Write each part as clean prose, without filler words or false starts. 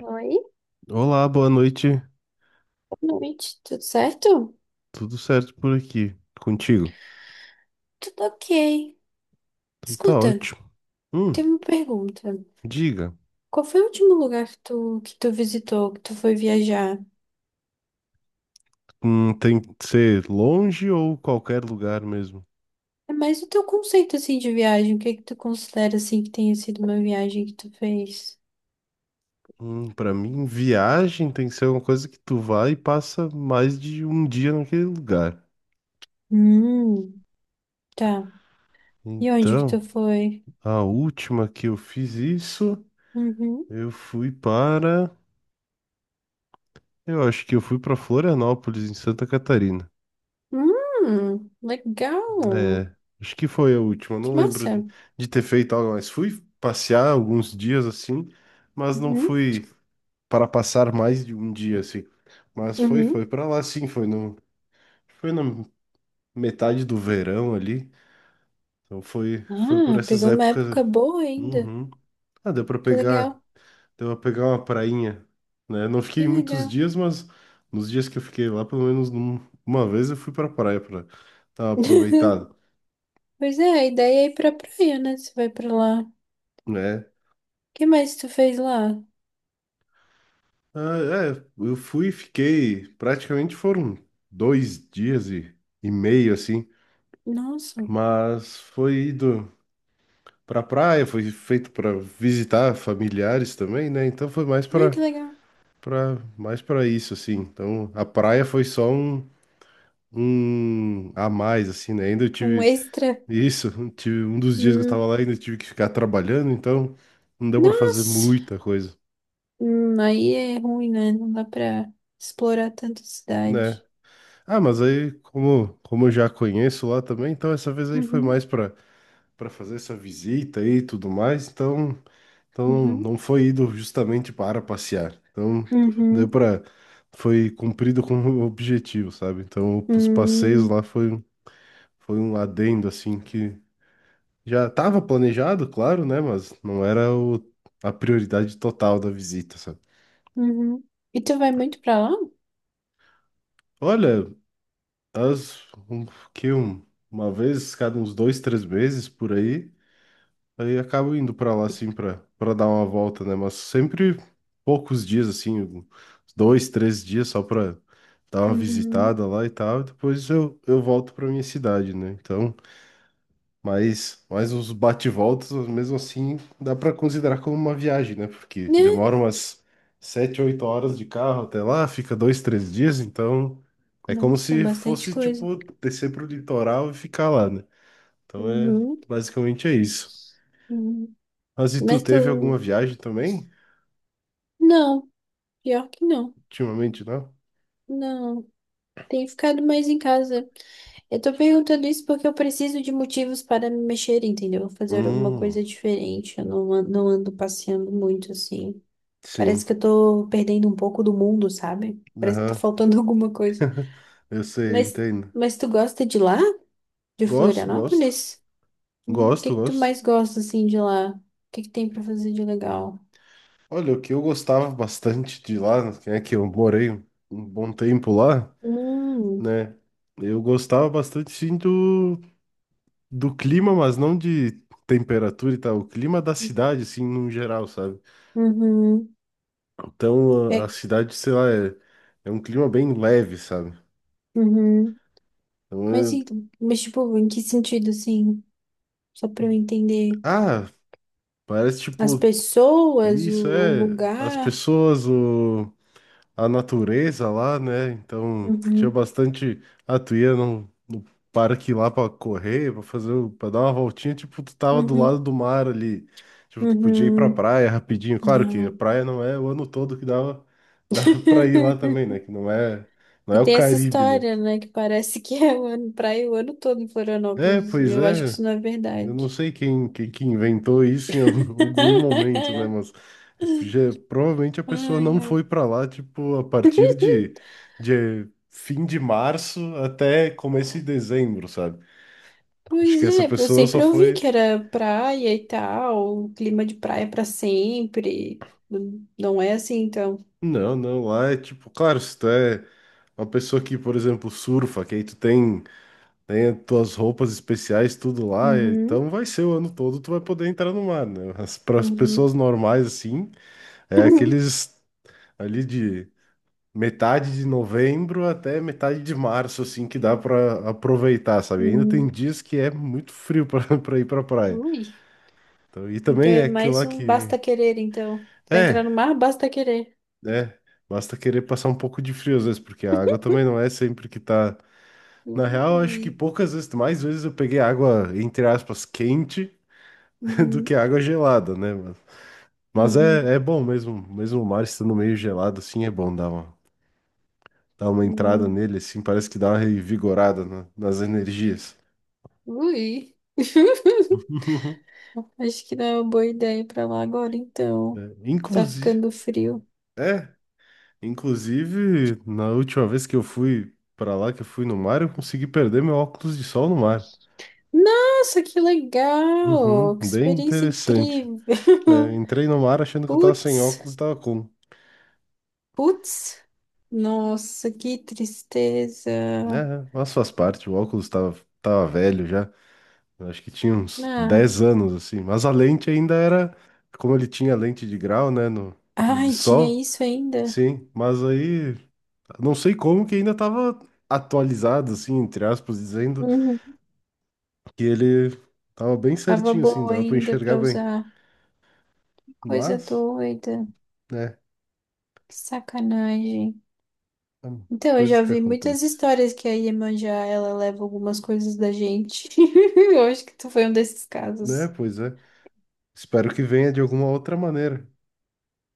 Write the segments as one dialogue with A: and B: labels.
A: Oi,
B: Olá, boa noite.
A: boa noite, tudo certo?
B: Tudo certo por aqui? Contigo?
A: Tudo ok.
B: Então tá
A: Escuta,
B: ótimo. Hum,
A: tem uma pergunta.
B: diga.
A: Qual foi o último lugar que tu visitou, que tu foi viajar?
B: Tem que ser longe ou qualquer lugar mesmo?
A: É mais o teu conceito, assim, de viagem. O que é que tu considera, assim, que tenha sido uma viagem que tu fez?
B: Pra mim, viagem tem que ser uma coisa que tu vai e passa mais de um dia naquele lugar.
A: Hum, tá. E onde que tu
B: Então,
A: foi?
B: a última que eu fiz isso,
A: Uhum.
B: eu fui para. Eu acho que eu fui para Florianópolis, em Santa Catarina. É,
A: Legal.
B: acho que foi a última.
A: Que
B: Não lembro
A: massa.
B: de ter feito algo, mas fui passear alguns dias assim, mas não
A: Uhum,
B: fui para passar mais de um dia assim. Mas foi,
A: uhum.
B: foi para lá sim, foi no, foi na metade do verão ali. Então foi por
A: Ah,
B: essas
A: pegou uma
B: épocas.
A: época boa ainda.
B: Uhum. Ah, deu para
A: Que
B: pegar,
A: legal,
B: deu para pegar uma prainha, né? Não
A: que
B: fiquei muitos
A: legal.
B: dias, mas nos dias que eu fiquei lá, pelo menos uma vez eu fui para praia para dar uma aproveitada,
A: Pois é, a ideia é ir pra praia, né? Você vai pra lá. O
B: né?
A: que mais tu fez lá?
B: Ah, é, eu fui e fiquei, praticamente foram 2 dias e meio, assim,
A: Nossa,
B: mas foi ido pra praia, foi feito para visitar familiares também, né? Então foi mais
A: ai
B: para
A: que legal.
B: para mais para isso, assim. Então a praia foi só um a mais, assim, né? Ainda eu
A: Um
B: tive
A: extra.
B: isso, tive um dos dias que eu tava
A: Hum.
B: lá, ainda tive que ficar trabalhando, então não deu pra fazer
A: Nossa.
B: muita coisa,
A: Aí é ruim, né? Não dá pra explorar tanto a
B: né?
A: cidade.
B: Ah, mas aí, como eu já conheço lá também, então essa vez aí foi
A: Uhum,
B: mais para fazer essa visita aí e tudo mais, então
A: uhum,
B: não foi ido justamente para passear. Então, deu
A: uhum,
B: para foi cumprido com o objetivo, sabe? Então, os passeios
A: hum,
B: lá foi um adendo assim que já estava planejado, claro, né, mas não era a prioridade total da visita, sabe?
A: uhum. E tu vai muito pra lá?
B: Olha, as um, que um, uma vez cada uns 2, 3 meses por aí. Aí acabo indo pra lá, assim, pra dar uma volta, né? Mas sempre poucos dias, assim, dois, três dias só pra dar uma
A: Uhum.
B: visitada lá e tal. E depois eu volto pra minha cidade, né? Então, mas os bate-voltas, mesmo assim, dá pra considerar como uma viagem, né? Porque
A: Né?
B: demora umas 7, 8 horas de carro até lá, fica 2, 3 dias. Então, é como
A: Nossa, é
B: se
A: bastante
B: fosse,
A: coisa.
B: tipo, descer pro litoral e ficar lá, né? Então, é
A: Uhum,
B: basicamente é isso.
A: uhum.
B: Mas e tu
A: Mas
B: teve alguma
A: tu.
B: viagem também?
A: Não, pior que não.
B: Ultimamente, não?
A: Não. Tem ficado mais em casa. Eu tô perguntando isso porque eu preciso de motivos para me mexer, entendeu? Fazer alguma
B: Hum,
A: coisa diferente. Eu não, não ando passeando muito assim.
B: sim.
A: Parece que eu tô perdendo um pouco do mundo, sabe? Parece que tá
B: Aham,
A: faltando alguma coisa.
B: eu sei,
A: Mas,
B: entendo.
A: mas tu gosta de lá? De
B: Gosto, gosto.
A: Florianópolis? O que
B: Gosto,
A: que tu
B: gosto.
A: mais gosta assim de lá? O que que tem pra fazer de legal?
B: Olha, o que eu gostava bastante de lá, que é que eu morei um bom tempo lá,
A: Hum,
B: né? Eu gostava bastante, sim, do clima, mas não de temperatura e tal. O clima da cidade, assim, no geral, sabe?
A: uhum.
B: Então, a
A: É,
B: cidade, sei lá, é um clima bem leve, sabe?
A: uhum.
B: Então,
A: Mas, e- mas tipo, em que sentido assim? Só pra eu entender.
B: ah, parece,
A: As
B: tipo.
A: pessoas, o,
B: Isso
A: o
B: é as
A: lugar.
B: pessoas, a natureza lá, né? Então tinha
A: Uhum,
B: bastante. Ah, tu ia no parque lá pra correr, pra fazer, pra dar uma voltinha, tipo, tu tava do lado
A: uhum,
B: do mar ali. Tipo, tu podia ir pra
A: uhum.
B: praia rapidinho. Claro que a
A: Ah.
B: praia não é o ano todo que dava pra ir lá também, né? Que não é, não
A: E
B: é o
A: tem essa
B: Caribe, né?
A: história, né? Que parece que é o ano, praia o ano todo em
B: É,
A: Florianópolis.
B: pois
A: Eu acho que
B: é.
A: isso não é
B: Eu não
A: verdade.
B: sei quem que inventou isso em algum algum momento, né? Mas provavelmente a pessoa
A: Ai,
B: não
A: ai.
B: foi para lá, tipo, a partir de fim de março até começo de dezembro, sabe? Acho
A: Pois
B: que essa
A: é, porque eu
B: pessoa só
A: sempre ouvi
B: foi.
A: que era praia e tal, clima de praia pra sempre. Não é assim, então.
B: Não, não, lá é tipo, claro, se tu é uma pessoa que, por exemplo, surfa, que aí tu tem as tuas roupas especiais, tudo lá,
A: Uhum,
B: então vai ser o ano todo, tu vai poder entrar no mar, né? para as pras
A: uhum.
B: pessoas normais, assim, é aqueles ali de metade de novembro até metade de março, assim, que dá pra aproveitar, sabe? Ainda tem
A: Hum.
B: dias que é muito frio pra pra ir pra praia.
A: Ui.
B: Então, e
A: Então
B: também é
A: é
B: aquilo
A: mais
B: lá
A: um
B: que.
A: basta querer, então. Pra
B: É,
A: entrar no mar, basta querer.
B: né? Basta querer passar um pouco de frio às vezes, porque a água também não é sempre que tá. Na real, eu acho que
A: Ui.
B: poucas vezes, mais vezes eu peguei água, entre aspas, quente do que
A: Uhum.
B: água gelada, né? Mas
A: Uhum.
B: é bom mesmo, mesmo o mar estando meio gelado, assim, é bom dar uma entrada
A: Uhum.
B: nele, assim, parece que dá uma revigorada nas energias.
A: Ui.
B: Uhum.
A: Acho que não é uma boa ideia ir pra lá agora,
B: É,
A: então. Tá
B: Inclusive,
A: ficando frio.
B: é, inclusive, na última vez que eu fui pra lá, que eu fui no mar, eu consegui perder meu óculos de sol no mar.
A: Nossa, que
B: Uhum,
A: legal! Que
B: bem
A: experiência
B: interessante.
A: incrível!
B: É, entrei no mar achando que eu tava sem
A: Putz,
B: óculos, tava com.
A: putz. Nossa, que tristeza.
B: É, mas faz parte, o óculos tava velho já. Eu acho que tinha uns
A: Ah,
B: 10 anos, assim. Mas a lente ainda era, como ele tinha lente de grau, né, no de
A: ai, tinha
B: sol,
A: isso ainda?
B: sim. Mas aí, não sei como que ainda tava atualizado, assim, entre aspas, dizendo.
A: Uhum.
B: Que ele tava bem
A: Tava
B: certinho, assim,
A: boa
B: dava pra
A: ainda
B: enxergar
A: pra
B: bem.
A: usar. Coisa
B: Mas,
A: doida.
B: né,
A: Que sacanagem.
B: hum,
A: Então, eu
B: coisas
A: já
B: que
A: vi muitas
B: acontecem.
A: histórias que a Iemanjá, ela leva algumas coisas da gente. Eu acho que tu foi um desses
B: Né,
A: casos.
B: pois é. Espero que venha de alguma outra maneira.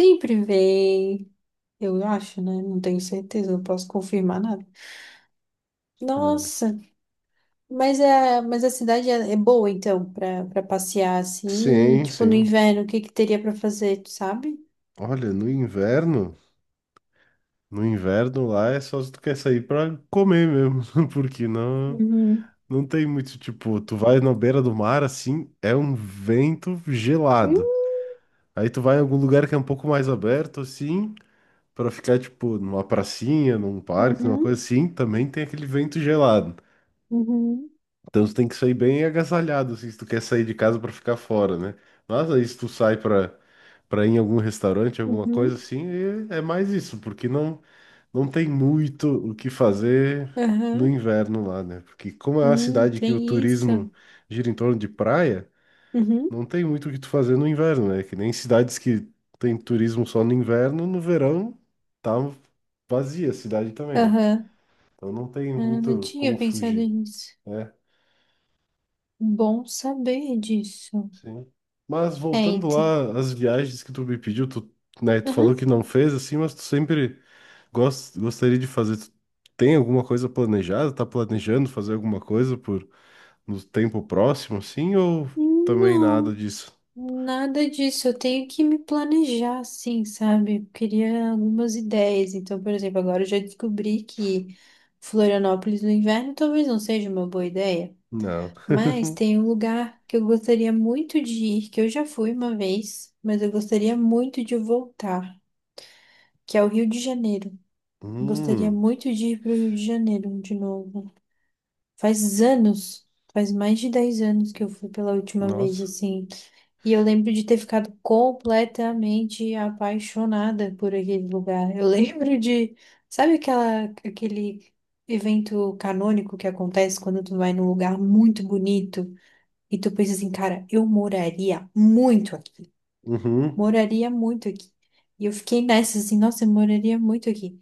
A: Sempre vem. Eu acho, né? Não tenho certeza, não posso confirmar nada.
B: É.
A: Nossa, mas a cidade é boa, então, pra passear assim,
B: Sim,
A: tipo no
B: sim.
A: inverno, o que que teria pra fazer, tu sabe?
B: Olha, no inverno lá é só se tu quer sair pra comer mesmo, porque não,
A: Uhum.
B: não tem muito, tipo, tu vai na beira do mar, assim, é um vento
A: Hum.
B: gelado. Aí tu vai em algum lugar que é um pouco mais aberto, assim, pra ficar, tipo, numa pracinha, num parque, numa
A: Uhum,
B: coisa assim, também tem aquele vento gelado.
A: uhum,
B: Então tu tem que sair bem agasalhado, assim, se tu quer sair de casa pra ficar fora, né? Mas aí se tu sai pra, ir em algum restaurante, alguma coisa
A: uhum,
B: assim, é mais isso, porque não tem muito o que fazer no
A: aham.
B: inverno lá, né? Porque como é uma cidade que o
A: Tem isso.
B: turismo gira em torno de praia,
A: Uhum.
B: não tem muito o que tu fazer no inverno, né? Que nem cidades que tem turismo só no inverno, no verão tá vazia a cidade também, né?
A: Aham.
B: Então não tem
A: Ah, não
B: muito
A: tinha
B: como
A: pensado
B: fugir,
A: nisso.
B: né?
A: Bom saber disso.
B: Sim. Mas voltando
A: Eita.
B: lá às viagens que tu me pediu, tu, né, tu falou
A: Aham.
B: que não fez assim, mas tu sempre gostaria de fazer. Tu tem alguma coisa planejada? Tá planejando fazer alguma coisa por no tempo próximo, assim, ou também nada
A: Não,
B: disso?
A: nada disso. Eu tenho que me planejar, assim, sabe? Eu queria algumas ideias. Então, por exemplo, agora eu já descobri que Florianópolis no inverno talvez não seja uma boa ideia.
B: Não.
A: Mas tem um lugar que eu gostaria muito de ir, que eu já fui uma vez, mas eu gostaria muito de voltar, que é o Rio de Janeiro. Gostaria
B: Hum,
A: muito de ir para o Rio de Janeiro de novo. Faz anos, faz mais de 10 anos que eu fui pela última vez,
B: nossa.
A: assim. E eu lembro de ter ficado completamente apaixonada por aquele lugar. Eu lembro de, sabe aquele evento canônico que acontece quando tu vai num lugar muito bonito e tu pensa assim, cara, eu moraria muito aqui.
B: Uhum,
A: Moraria muito aqui. E eu fiquei nessa, assim, nossa, eu moraria muito aqui.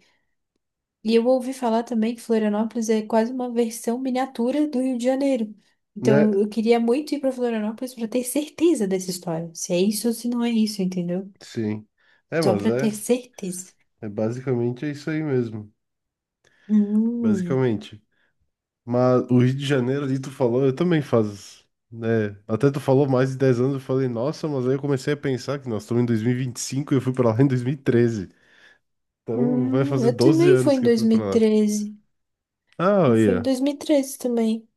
A: E eu ouvi falar também que Florianópolis é quase uma versão miniatura do Rio de Janeiro.
B: né?
A: Então eu queria muito ir para Florianópolis para ter certeza dessa história. Se é isso ou se não é isso, entendeu?
B: Sim. É,
A: Só
B: mas
A: para ter
B: é,
A: certeza.
B: é basicamente é isso aí mesmo.
A: Hum,
B: Basicamente. Mas o Rio de Janeiro ali tu falou, eu também faço, né? Até tu falou mais de 10 anos, eu falei, nossa, mas aí eu comecei a pensar que nós estamos em 2025 e eu fui pra lá em 2013. Então vai fazer
A: eu
B: 12
A: também fui
B: anos
A: em
B: que eu fui pra lá.
A: 2013.
B: Ah,
A: Eu fui em
B: olha.
A: 2013 também.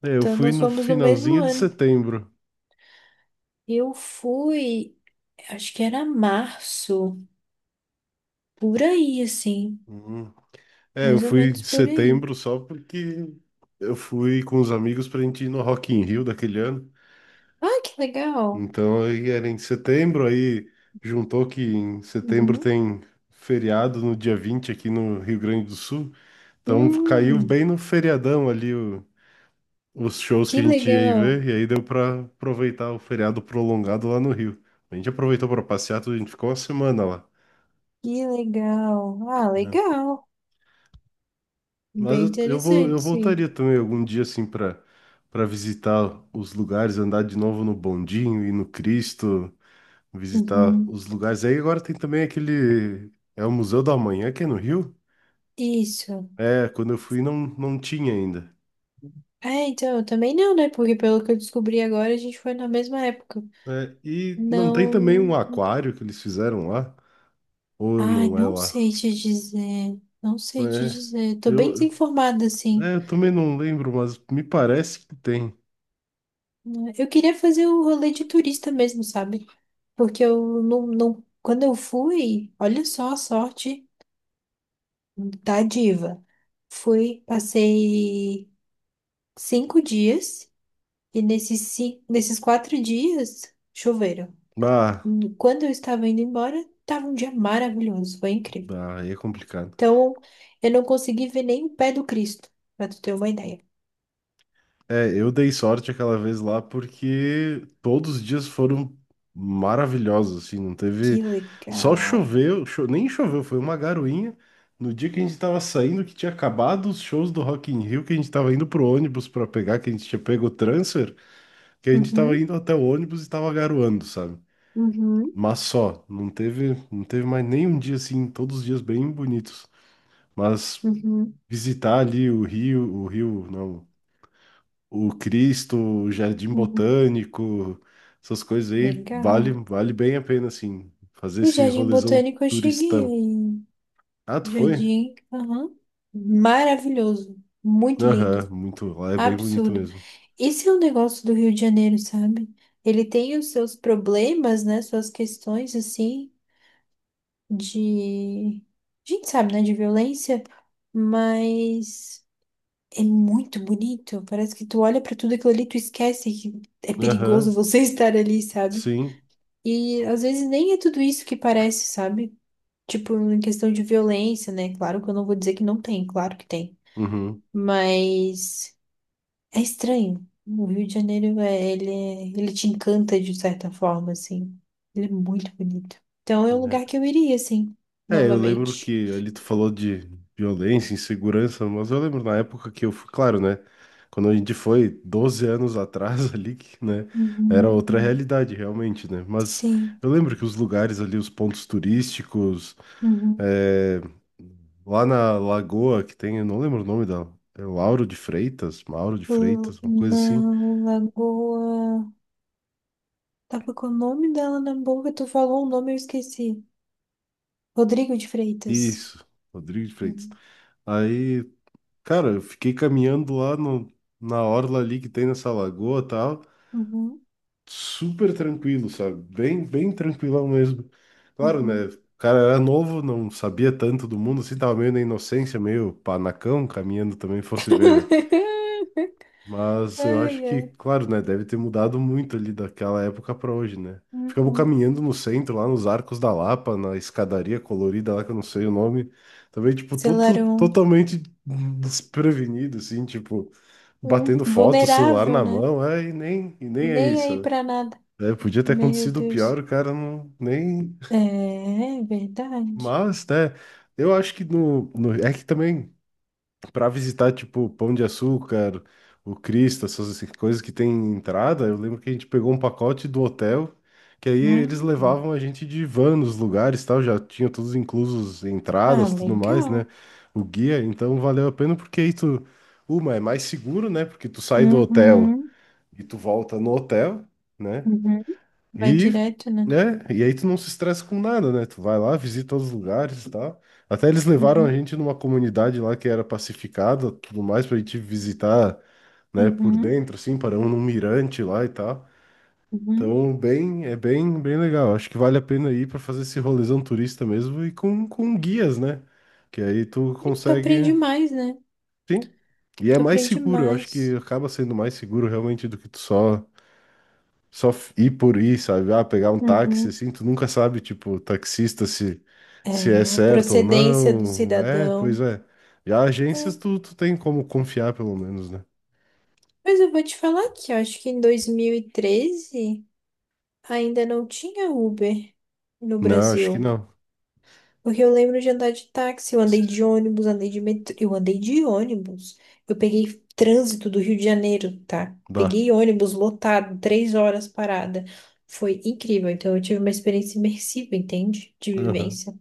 B: É, eu
A: Então
B: fui
A: nós
B: no
A: fomos no mesmo
B: finalzinho de
A: ano.
B: setembro.
A: Eu fui, acho que era março, por aí, assim.
B: Uhum. É, eu
A: Mais ou
B: fui em
A: menos por aí.
B: setembro só porque eu fui com os amigos pra gente ir no Rock in Rio daquele ano.
A: Ah, que legal!
B: Então aí era em setembro, aí juntou que em setembro
A: Uhum.
B: tem feriado no dia 20 aqui no Rio Grande do Sul. Então caiu bem
A: Hum.
B: no feriadão ali os shows que
A: Que
B: a gente ia ir
A: legal,
B: ver, e aí deu pra aproveitar o feriado prolongado lá no Rio. A gente aproveitou pra passear, tudo, a gente ficou uma semana lá,
A: que legal. Ah,
B: né?
A: legal.
B: Mas
A: Bem
B: eu, eu vou, eu
A: interessante,
B: voltaria
A: sim.
B: também algum dia assim pra para visitar os lugares, andar de novo no Bondinho e no Cristo. Visitar
A: Uhum.
B: os lugares. Aí agora tem também aquele. É o Museu do Amanhã, que é no Rio?
A: Isso.
B: É, quando eu fui não tinha ainda.
A: É, então, eu também não, né? Porque pelo que eu descobri agora, a gente foi na mesma época.
B: É, e não tem também um
A: Não.
B: aquário que eles fizeram lá? Ou
A: Ai,
B: não é
A: não
B: lá?
A: sei te dizer. Não sei te
B: É,
A: dizer. Tô bem
B: eu, eu-
A: desinformada, assim.
B: eu também não lembro, mas me parece que tem.
A: Eu queria fazer o rolê de turista mesmo, sabe? Porque eu não, não. Quando eu fui, olha só a sorte da diva. Fui, passei 5 dias e nesses 4 dias choveram.
B: Bah,
A: Quando eu estava indo embora, estava um dia maravilhoso, foi incrível.
B: bah, aí é complicado.
A: Então, eu não consegui ver nem o pé do Cristo, para tu ter uma ideia.
B: É, eu dei sorte aquela vez lá porque todos os dias foram maravilhosos, assim, não teve.
A: Que
B: Só
A: legal.
B: choveu, nem choveu, foi uma garoinha. No dia que a gente tava saindo, que tinha acabado os shows do Rock in Rio, que a gente tava indo pro ônibus pra pegar, que a gente tinha pego o transfer, que a gente tava
A: Uhum,
B: indo até o ônibus e tava garoando, sabe?
A: uhum,
B: Mas só, não teve mais nenhum dia assim, todos os dias bem bonitos. Mas
A: uhum,
B: visitar ali o Rio, não o Cristo, o Jardim
A: uhum.
B: Botânico, essas coisas aí, vale,
A: Legal.
B: vale bem a pena, assim, fazer
A: O
B: esse
A: Jardim
B: rolezão
A: Botânico eu cheguei
B: turistão.
A: aí.
B: Ah, tu foi?
A: Jardim, aham. Maravilhoso, muito lindo,
B: Aham, muito, lá é bem bonito
A: absurdo.
B: mesmo.
A: Esse é o negócio do Rio de Janeiro, sabe? Ele tem os seus problemas, né? Suas questões, assim, de. A gente sabe, né? De violência, mas é muito bonito. Parece que tu olha pra tudo aquilo ali, tu esquece que é perigoso
B: Aham,
A: você estar ali, sabe?
B: sim,
A: E às vezes nem é tudo isso que parece, sabe? Tipo, em questão de violência, né? Claro que eu não vou dizer que não tem, claro que tem.
B: uhum.
A: Mas. É estranho. O Rio de Janeiro, é, ele te encanta de certa forma, assim. Ele é muito bonito. Então é um lugar
B: É.
A: que eu iria, assim,
B: É, eu lembro
A: novamente.
B: que ali tu falou de violência, insegurança, mas eu lembro na época que eu fui, claro, né? Quando a gente foi 12 anos atrás ali, que, né? Era
A: Uhum,
B: outra
A: né?
B: realidade, realmente, né? Mas
A: Sim.
B: eu lembro que os lugares ali, os pontos turísticos,
A: Uhum.
B: é, lá na Lagoa que tem, eu não lembro o nome da, é Lauro de Freitas, Mauro de
A: L-
B: Freitas, uma coisa
A: Na
B: assim.
A: Lagoa. Tava com o nome dela na boca, tu falou um nome, eu esqueci. Rodrigo de Freitas.
B: Isso, Rodrigo de Freitas.
A: Uhum.
B: Aí, cara, eu fiquei caminhando lá no, na orla ali que tem nessa lagoa e tal.
A: Uhum.
B: Super tranquilo, sabe? Bem, bem tranquilão mesmo. Claro, né?
A: Uhum.
B: O cara era novo, não sabia tanto do mundo, assim, tava meio na inocência, meio panacão, caminhando também, fosse ver, né? Mas eu acho
A: Ai,
B: que,
A: ai.
B: claro, né? Deve ter mudado muito ali daquela época pra hoje, né? Ficamos
A: Uhum.
B: caminhando no centro, lá nos Arcos da Lapa, na escadaria colorida lá, que eu não sei o nome. Também, tipo, todo,
A: Selarão.
B: totalmente desprevenido, assim, tipo, batendo foto, celular
A: Vulnerável,
B: na
A: né?
B: mão, é, e nem é
A: Nem aí
B: isso.
A: pra nada.
B: É, podia ter
A: Meu
B: acontecido o pior,
A: Deus.
B: o cara não nem.
A: É, é verdade.
B: Mas, né? Eu acho que é que também para visitar tipo Pão de Açúcar, o Cristo, essas assim, coisas que tem entrada, eu lembro que a gente pegou um pacote do hotel, que aí
A: Ah,
B: eles levavam a gente de van nos lugares, tal, já tinha todos inclusos
A: ah,
B: entradas, tudo mais, né?
A: legal.
B: O guia, então valeu a pena porque aí tu, uma é mais seguro, né? Porque tu sai do hotel
A: Uhum,
B: e tu volta no hotel, né?
A: uhum. Vai
B: E,
A: direto, né?
B: né? E aí tu não se estressa com nada, né? Tu vai lá, visita os lugares e tal. Até eles levaram a
A: Uhum,
B: gente numa comunidade lá que era pacificada, tudo mais, pra gente visitar, né, por
A: uhum,
B: dentro, assim, paramos num mirante lá e tal.
A: uhum.
B: Então, bem, é bem, bem legal. Acho que vale a pena ir para fazer esse rolezão turista mesmo e com guias, né? Que aí tu
A: Tu
B: consegue,
A: aprende mais, né?
B: sim. E é
A: Tu
B: mais
A: aprende
B: seguro, eu acho que
A: mais.
B: acaba sendo mais seguro realmente do que tu só ir por ir, sabe? Ah, pegar um táxi,
A: Uhum.
B: assim, tu nunca sabe, tipo, o taxista se é
A: É,
B: certo ou
A: procedência do
B: não. É, pois
A: cidadão.
B: é. Já agências
A: É.
B: tu tem como confiar, pelo menos, né?
A: Mas eu vou te falar que eu acho que em 2013 ainda não tinha Uber no
B: Não, acho que
A: Brasil.
B: não.
A: Porque eu lembro de andar de táxi, eu andei de ônibus, andei de metrô, eu andei de ônibus. Eu peguei trânsito do Rio de Janeiro, tá?
B: Dá.
A: Peguei ônibus lotado, 3 horas parada. Foi incrível. Então eu tive uma experiência imersiva, entende? De
B: Aham.
A: vivência.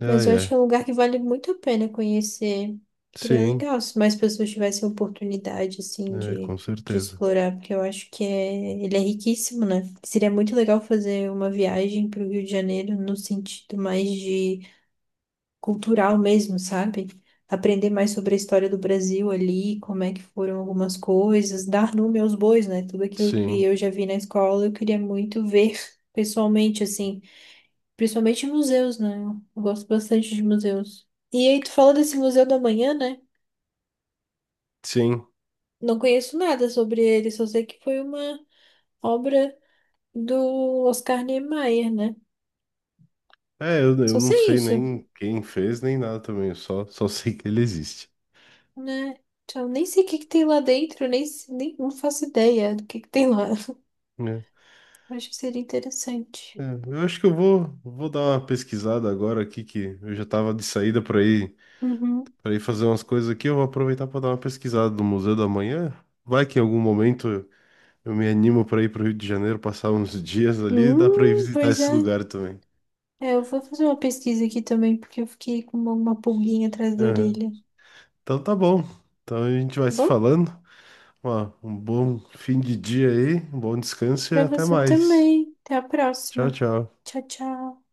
B: É,
A: Mas eu acho que é
B: é.
A: um lugar que vale muito a pena conhecer. Seria
B: Sim,
A: legal se mais pessoas tivessem a oportunidade, assim,
B: é,
A: de,
B: com
A: de
B: certeza.
A: explorar, porque eu acho que é, ele é riquíssimo, né? Seria muito legal fazer uma viagem para o Rio de Janeiro no sentido mais de cultural mesmo, sabe? Aprender mais sobre a história do Brasil ali, como é que foram algumas coisas, dar nome aos bois, né? Tudo aquilo que
B: Sim,
A: eu já vi na escola, eu queria muito ver pessoalmente, assim, principalmente em museus, né? Eu gosto bastante de museus. E aí, tu falou desse Museu da Manhã, né?
B: sim.
A: Não conheço nada sobre ele, só sei que foi uma obra do Oscar Niemeyer, né?
B: É, eu
A: Só
B: não
A: sei
B: sei
A: isso,
B: nem quem fez, nem nada também, eu só sei que ele existe.
A: né? Então, nem sei o que que tem lá dentro, nem não faço ideia do que tem lá.
B: Né?
A: Acho que seria interessante.
B: É, eu acho que eu vou dar uma pesquisada agora aqui, que eu já tava de saída por aí
A: Uhum.
B: para ir fazer umas coisas aqui, eu vou aproveitar para dar uma pesquisada no Museu da Manhã. Vai que em algum momento eu me animo para ir para o Rio de Janeiro, passar uns dias ali, dá para ir visitar
A: Pois
B: esse
A: é.
B: lugar também.
A: É, eu vou fazer uma pesquisa aqui também, porque eu fiquei com uma pulguinha atrás da
B: Aham.
A: orelha. Tá.
B: Então tá bom. Então a gente vai se
A: Bom,
B: falando. Ó, um bom fim de dia aí, um bom descanso e
A: pra
B: até
A: você
B: mais.
A: também. Até a
B: Tchau,
A: próxima.
B: tchau.
A: Tchau, tchau.